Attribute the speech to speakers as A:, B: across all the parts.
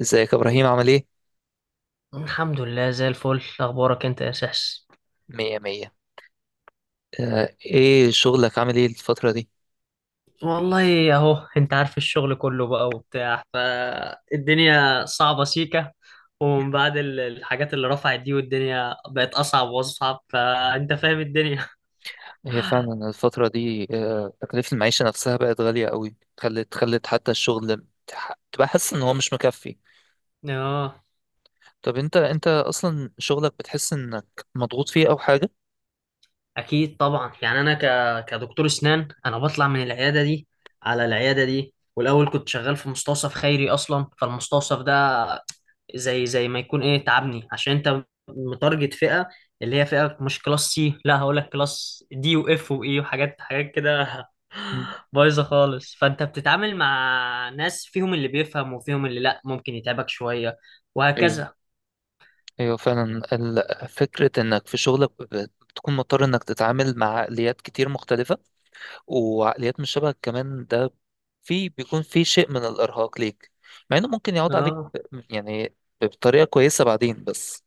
A: ازيك يا ابراهيم عامل ايه؟
B: الحمد لله زي الفل. اخبارك انت يا سحس؟
A: مية مية. ايه شغلك عامل ايه الفترة دي؟
B: والله اهو انت عارف، الشغل كله بقى وبتاع، فالدنيا صعبة سيكة. ومن بعد الحاجات اللي رفعت دي، والدنيا بقت اصعب واصعب، فانت فاهم الدنيا.
A: هي فعلا الفترة دي، تكلفة المعيشة نفسها بقت غالية قوي. خلت حتى الشغل تبقى حاسس ان هو مش مكفي.
B: اه.
A: طب انت اصلا شغلك بتحس انك مضغوط فيه او حاجة؟
B: اكيد طبعا، يعني انا كدكتور اسنان، انا بطلع من العياده دي على العياده دي. والاول كنت شغال في مستوصف خيري اصلا، فالمستوصف ده زي ما يكون ايه تعبني، عشان انت متارجت فئه اللي هي فئه مش كلاس سي، لا هقول لك كلاس دي واف واي وحاجات حاجات كده.
A: مم.
B: بايظه خالص، فانت بتتعامل مع ناس فيهم اللي بيفهم وفيهم اللي لا، ممكن يتعبك شويه
A: ايوه،
B: وهكذا.
A: ايوه فعلا فكرة انك في شغلك بتكون مضطر انك تتعامل مع عقليات كتير مختلفة، وعقليات مش شبهك كمان، ده في بيكون في شيء من الإرهاق ليك، مع إنه ممكن يعود عليك
B: اه،
A: يعني بطريقة كويسة بعدين، بس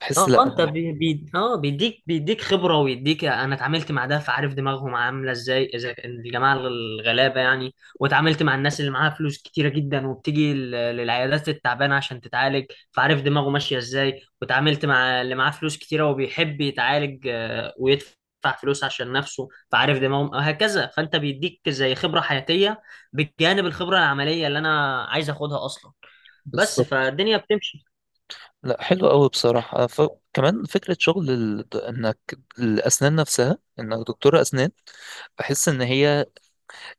A: بحس
B: اه،
A: لأ
B: انت
A: إنه
B: بي... بي... اه بيديك بيديك خبره، ويديك، انا اتعاملت مع ده فعارف دماغهم عامله ازاي اذا كان الجماعه الغلابه يعني. واتعاملت مع الناس اللي معاها فلوس كتيره جدا، وبتيجي للعيادات التعبانه عشان تتعالج، فعارف دماغه ماشيه ازاي. واتعاملت مع اللي معاه فلوس كتيره وبيحب يتعالج، ويدفع فلوس عشان نفسه، فعارف دماغهم وهكذا. فانت بيديك زي خبره حياتيه بجانب الخبره العمليه اللي انا عايز اخدها اصلا. بس
A: بالظبط.
B: فالدنيا بتمشي.
A: لأ حلو قوي بصراحة. كمان فكرة شغل إنك الأسنان نفسها، إنك دكتور أسنان، بحس إن هي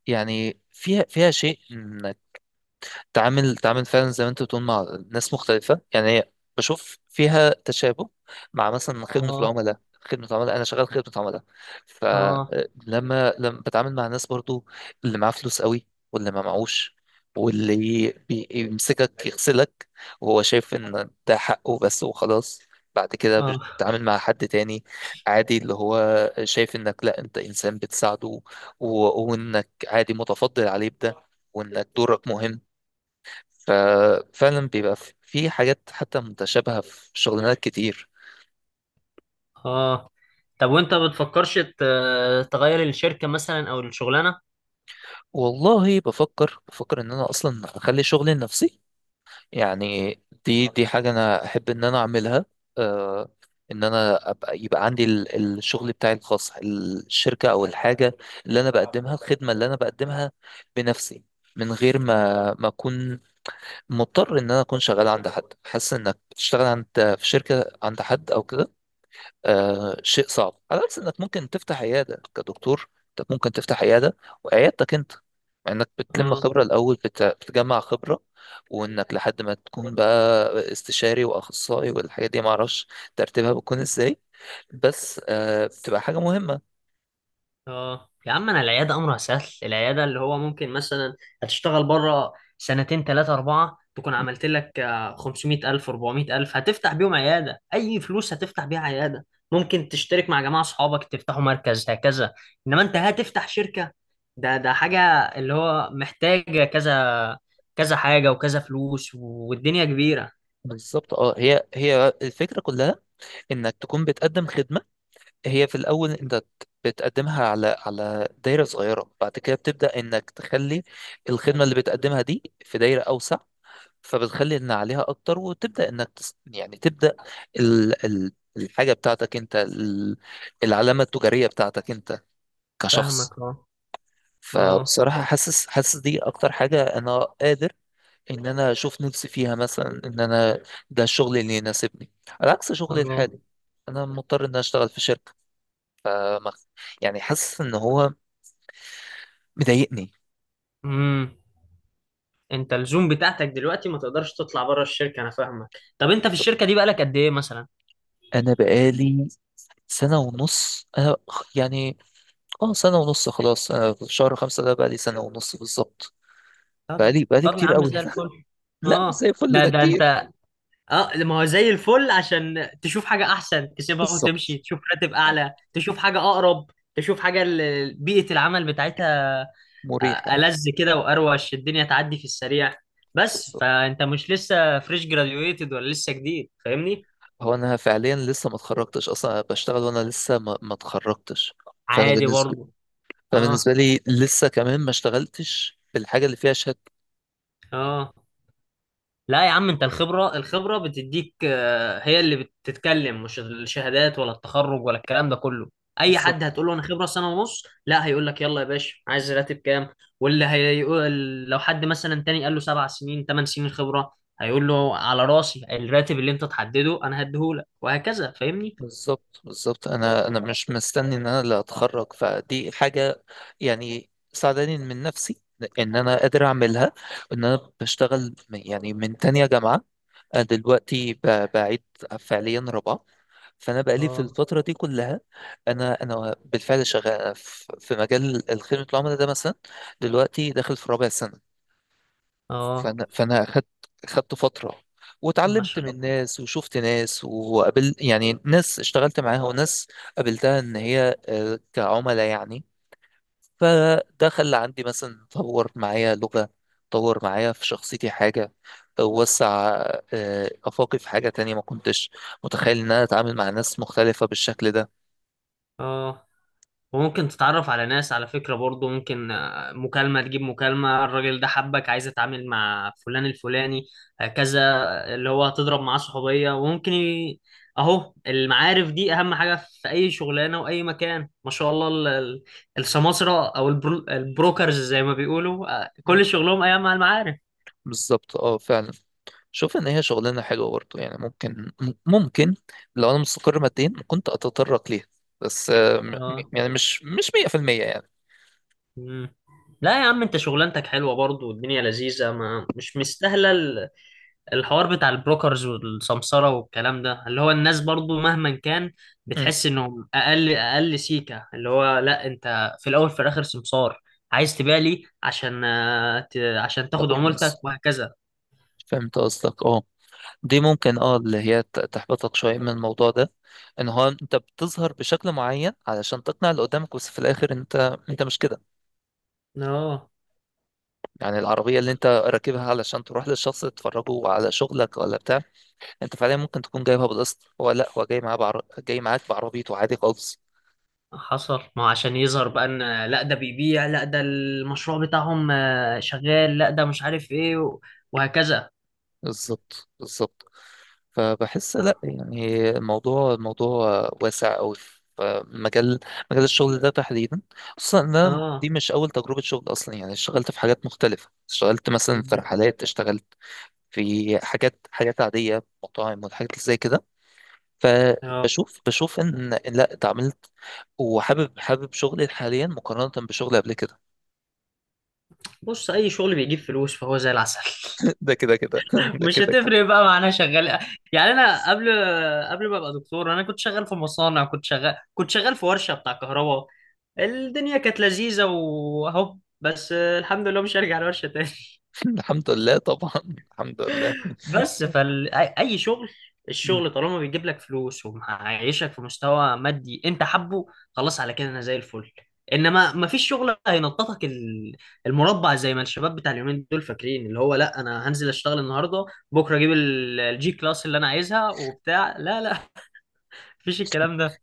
A: يعني فيها، فيها شيء تعامل فعلا زي ما انت بتقول مع ناس مختلفة. يعني هي بشوف فيها تشابه مع مثلا خدمة
B: اه،
A: العملاء. خدمة عملاء أنا شغال خدمة عملاء،
B: اه،
A: لما بتعامل مع ناس برضو، اللي معاه فلوس قوي واللي ما معهوش، واللي بيمسكك يغسلك وهو شايف إن ده حقه بس وخلاص. بعد كده
B: اه،
A: بتتعامل مع حد تاني عادي اللي هو شايف إنك لا، أنت إنسان بتساعده، وإنك عادي متفضل عليه بده، وإنك دورك مهم. ففعلا بيبقى في، في حاجات حتى متشابهة في شغلانات كتير.
B: اه، طب وانت بتفكرش تغير الشركة مثلا او الشغلانة؟
A: والله بفكر ان انا اصلا اخلي شغلي لنفسي. يعني دي حاجة انا احب ان انا اعملها. آه، ان انا ابقى، يبقى عندي الشغل بتاعي الخاص، الشركة او الحاجة اللي انا بقدمها، الخدمة اللي انا بقدمها بنفسي، من غير ما اكون مضطر ان انا اكون شغال عند حد. حاسس انك بتشتغل عند، في شركة عند حد او كده آه شيء صعب. على عكس انك ممكن تفتح عياده كدكتور، انت ممكن تفتح عياده وعيادتك انت، مع انك بتلم
B: اه،
A: خبره الاول، بتجمع خبره، وانك لحد ما تكون بقى استشاري واخصائي والحاجات دي، معرفش ترتيبها بتكون ازاي، بس آه بتبقى حاجه مهمه.
B: اه، يا عم، انا العيادة امرها سهل. العيادة اللي هو ممكن مثلا هتشتغل بره سنتين تلاتة اربعة، تكون عملت لك 500 الف 400 الف، هتفتح بيهم عيادة. اي فلوس هتفتح بيها عيادة. ممكن تشترك مع جماعة اصحابك تفتحوا مركز هكذا. انما انت هتفتح شركة، ده حاجة اللي هو محتاجة كذا كذا حاجة وكذا فلوس، والدنيا كبيرة.
A: بالظبط. اه هي، هي الفكره كلها انك تكون بتقدم خدمه. هي في الاول انت بتقدمها على، على دايره صغيره، بعد كده بتبدا انك تخلي الخدمه اللي بتقدمها دي في دايره اوسع، فبتخلي ان عليها اكتر، وتبدا انك يعني تبدا الحاجه بتاعتك انت، العلامه التجاريه بتاعتك انت كشخص.
B: فاهمك. اه، اه،
A: فبصراحه حاسس، حاسس دي اكتر حاجه انا قادر ان انا اشوف نفسي فيها. مثلا ان انا ده الشغل اللي يناسبني، على عكس شغلي
B: اه،
A: الحالي انا مضطر ان أنا اشتغل في شركه. آه، مخ- يعني حاسس ان هو مضايقني.
B: امم انت الزوم بتاعتك دلوقتي ما تقدرش تطلع بره الشركه، انا فاهمك. طب انت في الشركه دي بقالك قد ايه مثلا؟
A: انا بقالي سنه ونص انا، يعني اه سنة ونص. خلاص انا شهر خمسة ده بقى لي سنة ونص بالظبط.
B: طب
A: بقى لي
B: طب يا
A: كتير
B: عم
A: قوي
B: زي
A: هنا.
B: الفل.
A: لا مش
B: اه،
A: زي الفل،
B: ده
A: ده
B: ده انت.
A: كتير.
B: اه، ما هو زي الفل، عشان تشوف حاجه احسن تسيبها وتمشي،
A: بالظبط.
B: تشوف راتب اعلى، تشوف حاجه اقرب، تشوف حاجه بيئه العمل بتاعتها
A: مريحة.
B: ألذ كده، واروش الدنيا تعدي في السريع. بس
A: بالظبط.
B: فانت مش لسه فريش جراديويتد، ولا لسه جديد، فاهمني.
A: هو انا فعليا لسه ما اتخرجتش اصلا، أنا بشتغل وانا لسه ما اتخرجتش. فانا
B: عادي
A: بالنسبة
B: برضه.
A: فأنا
B: اه،
A: بالنسبة لي لسه كمان ما اشتغلتش بالحاجة اللي فيها شهادة.
B: اه، لا يا عم، انت الخبرة بتديك، هي اللي بتتكلم، مش الشهادات ولا التخرج ولا الكلام ده كله. اي حد
A: بالظبط
B: هتقول له انا خبرة سنة ونص، لا، هيقول لك يلا يا باشا، عايز راتب كام؟ واللي هيقول، لو حد مثلا تاني قال له 7 سنين 8 سنين خبرة، هيقول له على راسي، الراتب اللي انت تحدده انا هديهولك، وهكذا فاهمني.
A: بالظبط بالظبط. انا مش مستني ان انا اللي اتخرج، فدي حاجة يعني ساعداني من نفسي ان انا قادر اعملها. ان انا بشتغل يعني من تانية جامعة، انا دلوقتي بعيد فعليا رابعه. فانا بقالي في
B: اه،
A: الفتره دي كلها، انا بالفعل شغال أنا في، في مجال خدمه العملاء ده مثلا، دلوقتي داخل في رابع سنه.
B: اه،
A: فانا اخدت، خدت فتره
B: ما
A: واتعلمت
B: شاء
A: من
B: الله.
A: ناس وشفت ناس وقابل يعني ناس اشتغلت معاها، وناس قابلتها ان هي، كعملاء يعني. فده خلى عندي مثلا، طور معايا لغة، طور معايا في شخصيتي حاجة، وسع، آفاقي في حاجة تانية ما كنتش متخيل إن أنا أتعامل مع ناس مختلفة بالشكل ده.
B: اه، وممكن تتعرف على ناس، على فكرة برضو، ممكن مكالمة تجيب مكالمة، الراجل ده حبك عايز اتعامل مع فلان الفلاني هكذا، اللي هو هتضرب معاه صحوبية وممكن اهو المعارف دي اهم حاجة في اي شغلانة واي مكان ما شاء الله. السماسرة او البروكرز زي ما بيقولوا،
A: مم.
B: كل شغلهم ايام مع المعارف.
A: بالظبط. اه فعلا شوف ان هي شغلانه حلوه برضه، يعني ممكن ممكن لو انا مستقر ماديا كنت اتطرق ليها. بس
B: اه.
A: يعني مش، مش 100% يعني.
B: مم. لا يا عم، انت شغلانتك حلوة برضو، والدنيا لذيذة، ما مش مستاهلة الحوار بتاع البروكرز والسمسرة والكلام ده. اللي هو الناس برضو مهما كان
A: امم.
B: بتحس انهم اقل اقل سيكة، اللي هو لا، انت في الاول في الاخر سمسار، عايز تبيع لي عشان عشان تاخد
A: تاخد
B: عمولتك
A: نص.
B: وهكذا.
A: فهمت قصدك اه. دي ممكن اه اللي هي تحبطك شوية من الموضوع ده، ان هو انت بتظهر بشكل معين علشان تقنع اللي قدامك، بس في الاخر انت، انت مش كده.
B: اه،
A: يعني العربية اللي انت راكبها علشان تروح للشخص تتفرجه على شغلك ولا بتاع، انت فعليا ممكن تكون جايبها بالقسط، هو لا هو جاي معاه جاي معاك بعربيته عادي خالص.
B: حصل، ما هو عشان يظهر بقى، ان لا ده بيبيع، لا ده المشروع بتاعهم شغال، لا ده مش عارف ايه وهكذا.
A: بالظبط. فبحس لا، يعني الموضوع، الموضوع واسع قوي. فمجال مجال الشغل ده تحديدا، خصوصا ان انا دي
B: اه.
A: مش اول تجربه شغل اصلا. يعني اشتغلت في حاجات مختلفه، اشتغلت مثلا في
B: مهم.
A: رحلات، اشتغلت في حاجات، حاجات عاديه، مطاعم والحاجات اللي زي كده.
B: اه،
A: فبشوف ان إن لا اتعاملت وحابب شغلي حاليا مقارنه بشغلي قبل كده.
B: بص، اي شغل بيجيب فلوس فهو زي العسل،
A: ده كده كده. ده
B: مش
A: كده كده.
B: هتفرق بقى معانا شغال. يعني انا قبل ما ابقى دكتور، انا كنت شغال في مصانع، كنت شغال في ورشة بتاع كهرباء. الدنيا كانت لذيذة واهو، بس الحمد لله مش هرجع الورشة تاني.
A: الحمد لله طبعا، الحمد لله.
B: بس فأي شغل، الشغل طالما بيجيب لك فلوس ومعيشك في مستوى مادي انت حبه، خلاص، على كده انا زي الفل. انما ما فيش شغل هينططك المربع، زي ما الشباب بتاع اليومين دول فاكرين، اللي هو لا، انا هنزل اشتغل النهارده بكره اجيب الجي كلاس اللي انا عايزها وبتاع. لا، لا. مفيش الكلام ده.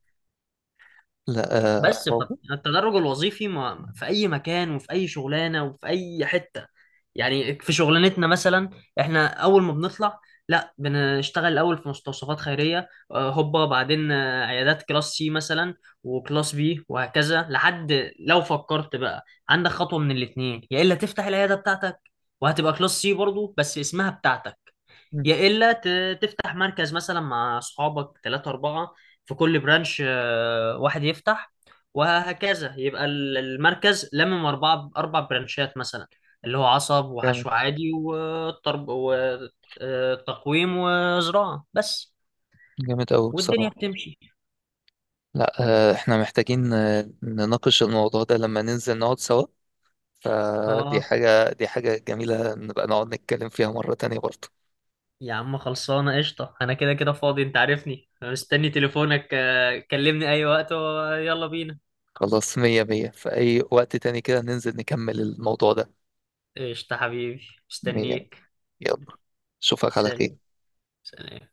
A: لا آه،
B: بس
A: هو.
B: فالتدرج الوظيفي ما في، اي مكان، وفي اي شغلانه، وفي اي حته. يعني في شغلانتنا مثلا، احنا اول ما بنطلع، لا بنشتغل الاول في مستوصفات خيريه، هوبا بعدين عيادات كلاس سي مثلا، وكلاس بي وهكذا. لحد لو فكرت بقى، عندك خطوه من الاثنين: يا الا تفتح العياده بتاعتك، وهتبقى كلاس سي برضو بس اسمها بتاعتك،
A: مم.
B: يا الا تفتح مركز مثلا مع اصحابك ثلاثة أربعة، في كل برانش واحد يفتح، وهكذا يبقى المركز أربع برانشات مثلا، اللي هو عصب
A: جامد،
B: وحشو عادي وطرب وتقويم وزراعة بس.
A: جامد أوي
B: والدنيا
A: بصراحة.
B: بتمشي.
A: لا احنا محتاجين نناقش الموضوع ده لما ننزل نقعد سوا. فدي
B: اه،
A: حاجة، دي حاجة جميلة نبقى نقعد نتكلم فيها مرة تانية برضه.
B: يا عم، خلصانة قشطة، أنا كده كده فاضي. أنت عارفني مستني تليفونك، كلمني أي وقت ويلا بينا.
A: خلاص مية مية، في أي وقت تاني كده ننزل نكمل الموضوع ده.
B: قشطة حبيبي
A: مية.
B: مستنيك.
A: يلا أشوفك على خير.
B: سلام. سلام.